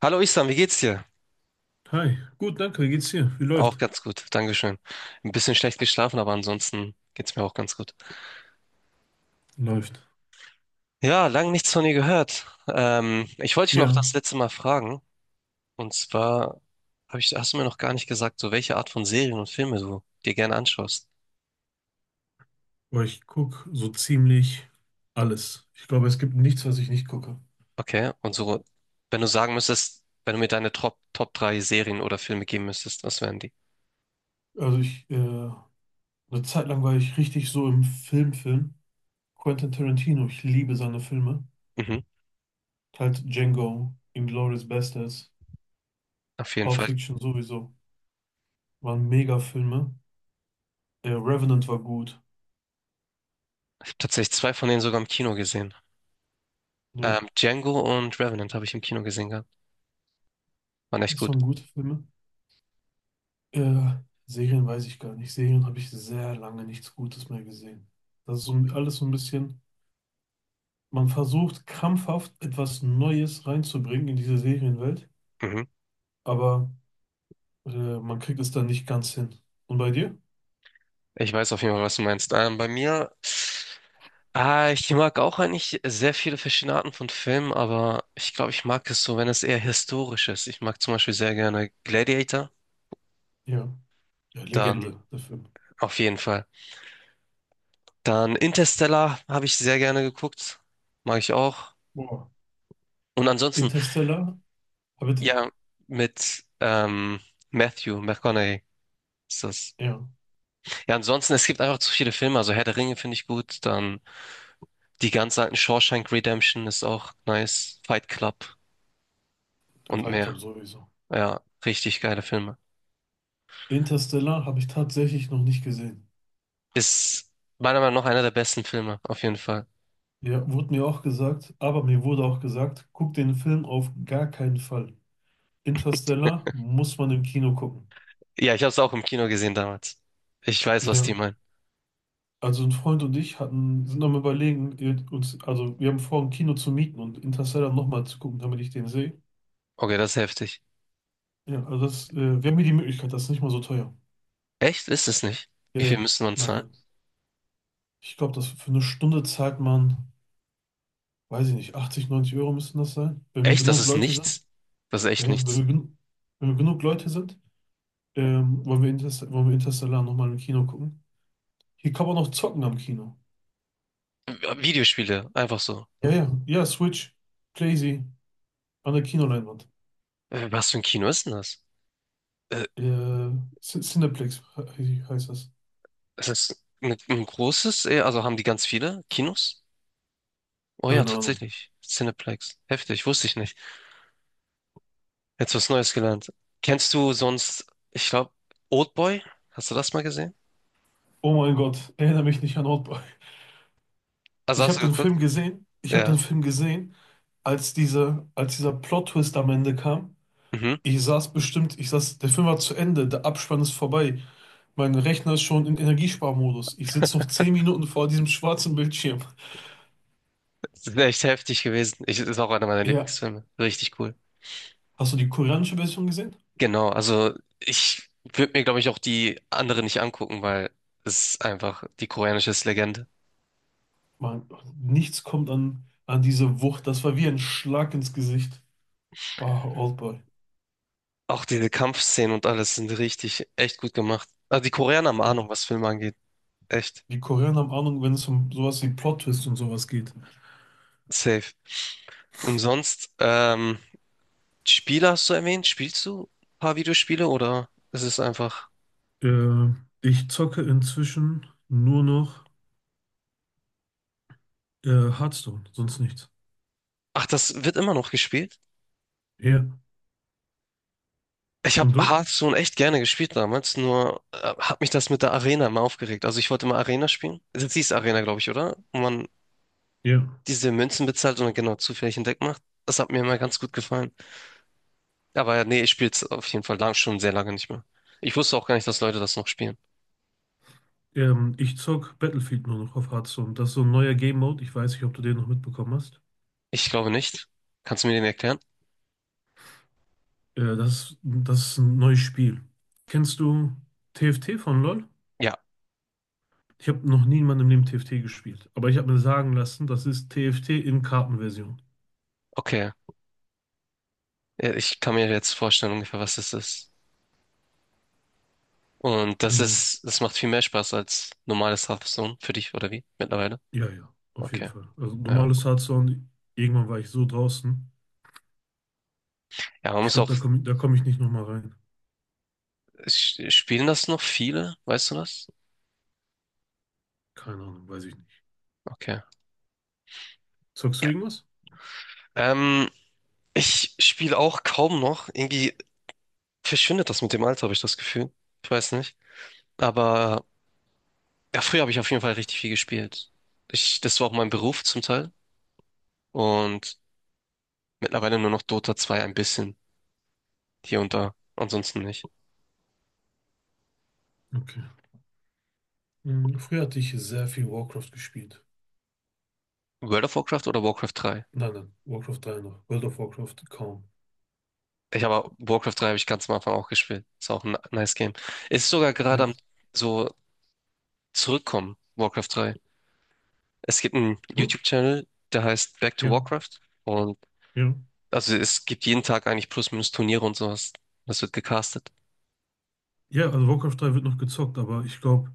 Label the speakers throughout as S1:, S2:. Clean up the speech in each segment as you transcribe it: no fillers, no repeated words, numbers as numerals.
S1: Hallo Islam, wie geht's dir?
S2: Hi, gut, danke. Wie geht's dir? Wie
S1: Auch
S2: läuft?
S1: ganz gut, Dankeschön. Ein bisschen schlecht geschlafen, aber ansonsten geht's mir auch ganz gut.
S2: Läuft.
S1: Ja, lang nichts von dir gehört. Ich wollte dich noch das
S2: Ja,
S1: letzte Mal fragen. Und zwar hast du mir noch gar nicht gesagt, so welche Art von Serien und Filme du dir gerne anschaust.
S2: aber ich gucke so ziemlich alles. Ich glaube, es gibt nichts, was ich nicht gucke.
S1: Okay, und so, wenn du sagen müsstest, wenn du mir deine Top 3 Serien oder Filme geben müsstest, was wären die?
S2: Also ich, eine Zeit lang war ich richtig so im Filmfilm. Quentin Tarantino, ich liebe seine Filme.
S1: Mhm,
S2: Halt Django, Inglourious Basterds,
S1: auf jeden
S2: Pulp
S1: Fall.
S2: Fiction sowieso. Waren mega Filme. Revenant war gut.
S1: Ich habe tatsächlich zwei von denen sogar im Kino gesehen.
S2: Ja,
S1: Django und Revenant habe ich im Kino gesehen gehabt. Waren echt
S2: das
S1: gut.
S2: waren gute Filme. Äh, Serien weiß ich gar nicht. Serien habe ich sehr lange nichts Gutes mehr gesehen. Das ist so, alles so ein bisschen. Man versucht krampfhaft etwas Neues reinzubringen in diese Serienwelt,
S1: Mhm.
S2: aber man kriegt es dann nicht ganz hin. Und bei dir?
S1: Ich weiß auf jeden Fall, was du meinst. Bei mir, ich mag auch eigentlich sehr viele verschiedene Arten von Filmen, aber ich glaube, ich mag es so, wenn es eher historisch ist. Ich mag zum Beispiel sehr gerne Gladiator,
S2: Ja. Ja,
S1: dann
S2: Legende, der Film.
S1: auf jeden Fall. Dann Interstellar habe ich sehr gerne geguckt, mag ich auch.
S2: Boah.
S1: Und ansonsten,
S2: Interstellar? Ah, bitte.
S1: ja, mit Matthew McConaughey ist das.
S2: Ja,
S1: Ja, ansonsten, es gibt einfach zu viele Filme. Also Herr der Ringe finde ich gut, dann die ganz alten Shawshank Redemption ist auch nice, Fight Club
S2: der
S1: und mehr.
S2: Waldkampf sowieso.
S1: Ja, richtig geile Filme.
S2: Interstellar habe ich tatsächlich noch nicht gesehen.
S1: Ist meiner Meinung nach einer der besten Filme, auf jeden Fall.
S2: Ja, wurde mir auch gesagt, aber mir wurde auch gesagt, guck den Film auf gar keinen Fall. Interstellar muss man im Kino gucken.
S1: Ja, ich habe es auch im Kino gesehen damals. Ich weiß, was die
S2: Ja,
S1: meinen.
S2: also ein Freund und ich sind am Überlegen, uns, also wir haben vor, ein Kino zu mieten und Interstellar nochmal zu gucken, damit ich den sehe.
S1: Okay, das ist heftig.
S2: Ja, also das, wir haben hier die Möglichkeit, das ist nicht mal so teuer.
S1: Echt? Ist es nicht?
S2: Ja,
S1: Wie viel
S2: ja,
S1: müssen wir uns
S2: nein,
S1: zahlen?
S2: nein. Ich glaube, dass für eine Stunde zahlt man, weiß ich nicht, 80, 90 Euro müssen das sein, wenn wir
S1: Echt? Das
S2: genug
S1: ist
S2: Leute sind.
S1: nichts. Das ist
S2: Ja,
S1: echt
S2: ja,
S1: nichts.
S2: wenn wir genug Leute sind, wollen wir Interstellar nochmal im Kino gucken. Hier kann man noch zocken am Kino.
S1: Videospiele, einfach so.
S2: Ja, ja, ja, Switch, Playsee, an der Kinoleinwand.
S1: Was für ein Kino ist denn das? Äh,
S2: Äh, Cineplex heißt das.
S1: ist das ein großes? Also haben die ganz viele Kinos? Oh ja,
S2: Keine Ahnung.
S1: tatsächlich. Cineplex. Heftig, wusste ich nicht. Jetzt was Neues gelernt. Kennst du sonst, ich glaube, Oldboy? Hast du das mal gesehen?
S2: Oh mein Gott, erinnere mich nicht an Oldboy.
S1: Also
S2: Ich
S1: hast
S2: habe
S1: du
S2: den
S1: geguckt?
S2: Film gesehen. Ich habe
S1: Ja.
S2: den Film gesehen, als dieser Plot-Twist am Ende kam.
S1: Mhm.
S2: Ich saß, der Film war zu Ende, der Abspann ist vorbei. Mein Rechner ist schon in Energiesparmodus. Ich sitze noch 10 Minuten vor diesem schwarzen Bildschirm.
S1: Das ist echt heftig gewesen. Ich, ist auch einer meiner
S2: Ja.
S1: Lieblingsfilme. Richtig cool.
S2: Hast du die koreanische Version gesehen?
S1: Genau, also ich würde mir, glaube ich, auch die anderen nicht angucken, weil es ist einfach, die koreanische ist Legende.
S2: Man, nichts kommt an, an diese Wucht. Das war wie ein Schlag ins Gesicht. Bah, Oldboy.
S1: Auch diese Kampfszenen und alles sind richtig, echt gut gemacht. Also die Koreaner haben Ahnung,
S2: Ja.
S1: was Filme angeht. Echt.
S2: Die Koreaner haben Ahnung, wenn es um sowas wie Plot-Twist und sowas geht.
S1: Safe. Und sonst, Spiele hast du erwähnt? Spielst du ein paar Videospiele oder ist es einfach...
S2: Äh, ich zocke inzwischen nur noch äh, Hearthstone, sonst nichts.
S1: Ach, das wird immer noch gespielt?
S2: Ja.
S1: Ich
S2: Und
S1: habe
S2: du?
S1: Hearthstone echt gerne gespielt damals, nur hat mich das mit der Arena immer aufgeregt. Also ich wollte immer Arena spielen. Das hieß Arena, glaube ich, oder? Wo man
S2: Ja.
S1: diese Münzen bezahlt und dann genau zufällig ein Deck macht. Das hat mir immer ganz gut gefallen. Aber ja, nee, ich spiele es auf jeden Fall lang, schon sehr lange nicht mehr. Ich wusste auch gar nicht, dass Leute das noch spielen.
S2: Ich zock Battlefield nur noch auf Hearthstone. Das ist so ein neuer Game Mode. Ich weiß nicht, ob du den noch mitbekommen hast.
S1: Ich glaube nicht. Kannst du mir den erklären?
S2: Das ist ein neues Spiel. Kennst du TFT von LoL?
S1: Ja,
S2: Ich habe noch nie in meinem Leben TFT gespielt. Aber ich habe mir sagen lassen, das ist TFT in Kartenversion.
S1: okay. Ja, ich kann mir jetzt vorstellen ungefähr, was das ist. Und
S2: Genau.
S1: das macht viel mehr Spaß als normales Hearthstone für dich, oder wie? Mittlerweile?
S2: Ja, ja, auf jeden
S1: Okay.
S2: Fall. Also
S1: Ja.
S2: normales Hardstone, irgendwann war ich so draußen.
S1: Ja, man
S2: Ich
S1: muss
S2: glaube,
S1: auch
S2: da komm ich nicht nochmal rein.
S1: Spielen das noch viele? Weißt du das?
S2: Keine Ahnung, weiß ich nicht.
S1: Okay.
S2: Zockst
S1: Ja.
S2: du irgendwas?
S1: Ähm, ich spiele auch kaum noch. Irgendwie verschwindet das mit dem Alter, habe ich das Gefühl. Ich weiß nicht. Aber ja, früher habe ich auf jeden Fall richtig viel gespielt. Ich, das war auch mein Beruf zum Teil. Und mittlerweile nur noch Dota 2 ein bisschen. Hier und da. Ansonsten nicht.
S2: Okay. Hm, früher hatte ich sehr viel Warcraft gespielt.
S1: World of Warcraft oder Warcraft 3?
S2: Nein, nein, Warcraft 3 noch. World of Warcraft kaum.
S1: Ich habe Warcraft 3 habe ich ganz am Anfang auch gespielt. Ist auch ein nice Game. Ist sogar gerade
S2: Ja.
S1: am so zurückkommen, Warcraft drei. Es gibt einen
S2: Gut?
S1: YouTube-Channel, der heißt Back to
S2: Ja,
S1: Warcraft. Und
S2: ja.
S1: also es gibt jeden Tag eigentlich plus minus Turniere und sowas. Das wird gecastet.
S2: Ja, also Warcraft 3 wird noch gezockt, aber ich glaube,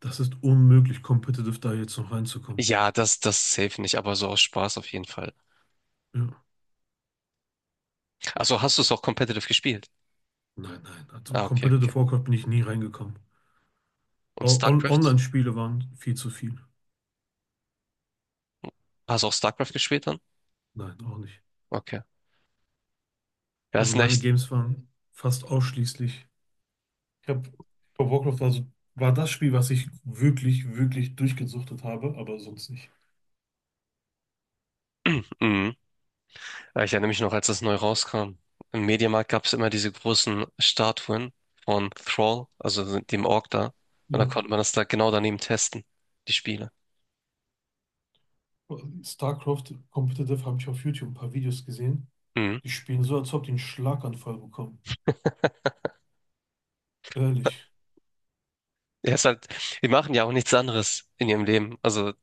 S2: das ist unmöglich, competitive da jetzt noch reinzukommen.
S1: Ja, das safe nicht, aber so aus Spaß auf jeden Fall.
S2: Ja.
S1: Also hast du es auch competitive gespielt?
S2: Nein, nein. Also
S1: Ah, okay.
S2: Competitive Warcraft bin ich nie reingekommen.
S1: Und
S2: O- On
S1: StarCraft?
S2: Online-Spiele waren viel zu viel.
S1: Hast du auch StarCraft gespielt dann?
S2: Nein, auch nicht.
S1: Okay. Ja,
S2: Also
S1: ist
S2: meine
S1: echt.
S2: Games waren fast ausschließlich. Ich habe bei Warcraft, also war das Spiel, was ich wirklich, wirklich durchgesuchtet habe, aber sonst nicht.
S1: Mhm. Ja, ich erinnere mich noch, als das neu rauskam. Im Mediamarkt gab es immer diese großen Statuen von Thrall, also dem Ork da. Und da
S2: Ja.
S1: konnte man das da genau daneben testen, die Spiele.
S2: StarCraft Competitive habe ich auf YouTube ein paar Videos gesehen.
S1: Mhm.
S2: Die spielen so, als ob die einen Schlaganfall bekommen. Ehrlich.
S1: Ja, ist halt, die machen ja auch nichts anderes in ihrem Leben. Also,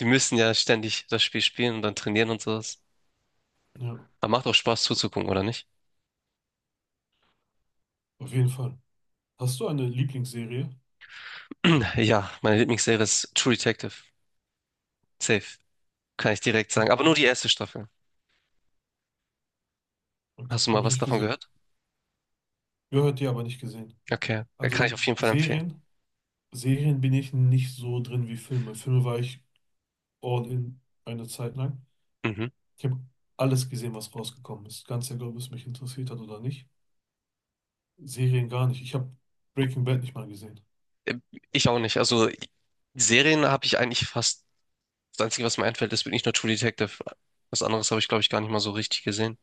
S1: die müssen ja ständig das Spiel spielen und dann trainieren und sowas.
S2: Ja,
S1: Aber macht auch Spaß zuzugucken, oder nicht?
S2: auf jeden Fall. Hast du eine Lieblingsserie?
S1: Ja, meine Lieblingsserie ist True Detective. Safe. Kann ich direkt sagen. Aber
S2: Okay,
S1: nur die erste Staffel. Hast
S2: okay.
S1: du mal
S2: Habe ich
S1: was
S2: nicht
S1: davon
S2: gesehen.
S1: gehört?
S2: Gehört dir, aber nicht gesehen.
S1: Okay.
S2: Also
S1: Kann ich auf jeden Fall empfehlen.
S2: Serien, Serien bin ich nicht so drin wie Filme. Filme war ich all in eine Zeit lang.
S1: Mhm.
S2: Ich habe alles gesehen, was rausgekommen ist. Ganz egal, ob es mich interessiert hat oder nicht. Serien gar nicht. Ich habe Breaking Bad nicht mal gesehen.
S1: Äh, ich auch nicht. Also, Serien habe ich eigentlich fast, das Einzige, was mir einfällt, ist wirklich nur True Detective. Was anderes habe ich, glaube ich, gar nicht mal so richtig gesehen.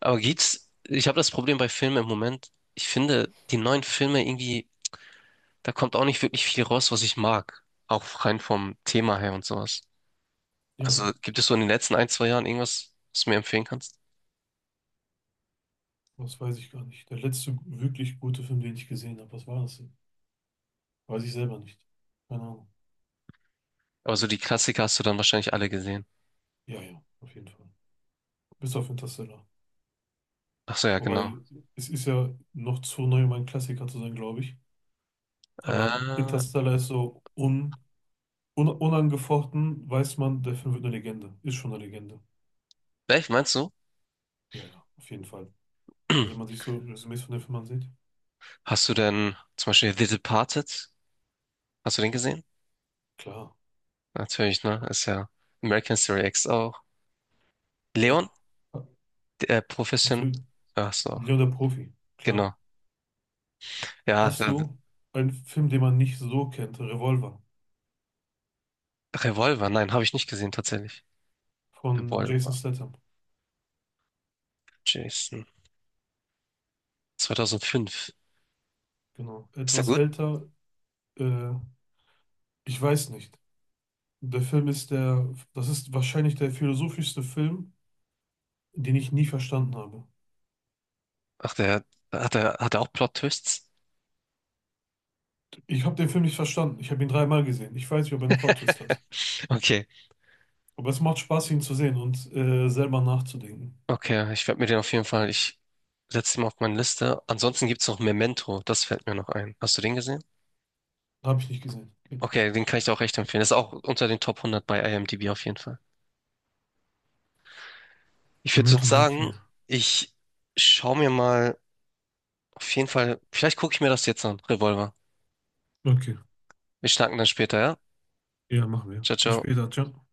S1: Aber geht's, ich habe das Problem bei Filmen im Moment. Ich finde die neuen Filme irgendwie da kommt auch nicht wirklich viel raus, was ich mag. Auch rein vom Thema her und sowas.
S2: Ja,
S1: Also gibt es so in den letzten ein, zwei Jahren irgendwas, was du mir empfehlen kannst?
S2: was weiß ich gar nicht. Der letzte wirklich gute Film, den ich gesehen habe, was war das denn? Weiß ich selber nicht. Keine Ahnung.
S1: Aber so die Klassiker hast du dann wahrscheinlich alle gesehen.
S2: Ja, ja, auf jeden Fall. Bis auf Interstellar.
S1: Ach so, ja, genau.
S2: Wobei, es ist ja noch zu neu, um ein Klassiker zu sein, glaube ich. Aber
S1: Äh,
S2: Interstellar ist so unangefochten, weiß man, der Film wird eine Legende. Ist schon eine Legende.
S1: welch meinst du?
S2: Ja, ja, auf jeden Fall. Also wenn man sich so Resümees von den Filmen ansieht,
S1: Hast du denn zum Beispiel The Departed? Hast du den gesehen?
S2: klar.
S1: Natürlich, ne? Ist ja American Story X auch.
S2: Ja,
S1: Leon, der Profession.
S2: natürlich.
S1: Ach so,
S2: Leon der Profi, klar.
S1: genau. Ja,
S2: Hast du einen Film, den man nicht so kennt? Revolver
S1: Revolver, nein, habe ich nicht gesehen tatsächlich.
S2: von Jason
S1: Revolver,
S2: Statham.
S1: Jason. 2005.
S2: Genau.
S1: Ist der
S2: Etwas
S1: gut?
S2: älter, äh, ich weiß nicht. Der Film ist der, das ist wahrscheinlich der philosophischste Film, den ich nie verstanden habe.
S1: Ach, der hat er auch Plot-Twists?
S2: Ich habe den Film nicht verstanden. Ich habe ihn dreimal gesehen. Ich weiß nicht, ob er einen Plot-Twist hat.
S1: Okay.
S2: Aber es macht Spaß, ihn zu sehen und selber nachzudenken.
S1: Okay, ich werde mir den auf jeden Fall, ich setze ihn mal auf meine Liste. Ansonsten gibt's noch Memento, das fällt mir noch ein. Hast du den gesehen?
S2: Habe ich nicht gesehen. Okay.
S1: Okay, den kann ich dir auch echt empfehlen. Das ist auch unter den Top 100 bei IMDb auf jeden Fall. Ich würde
S2: Memento
S1: sonst
S2: merke ich
S1: sagen,
S2: mir.
S1: ich schaue mir mal auf jeden Fall, vielleicht gucke ich mir das jetzt an, Revolver.
S2: Okay.
S1: Wir schnacken dann später, ja?
S2: Ja, machen wir.
S1: Ciao,
S2: Bis
S1: ciao.
S2: später. Ciao.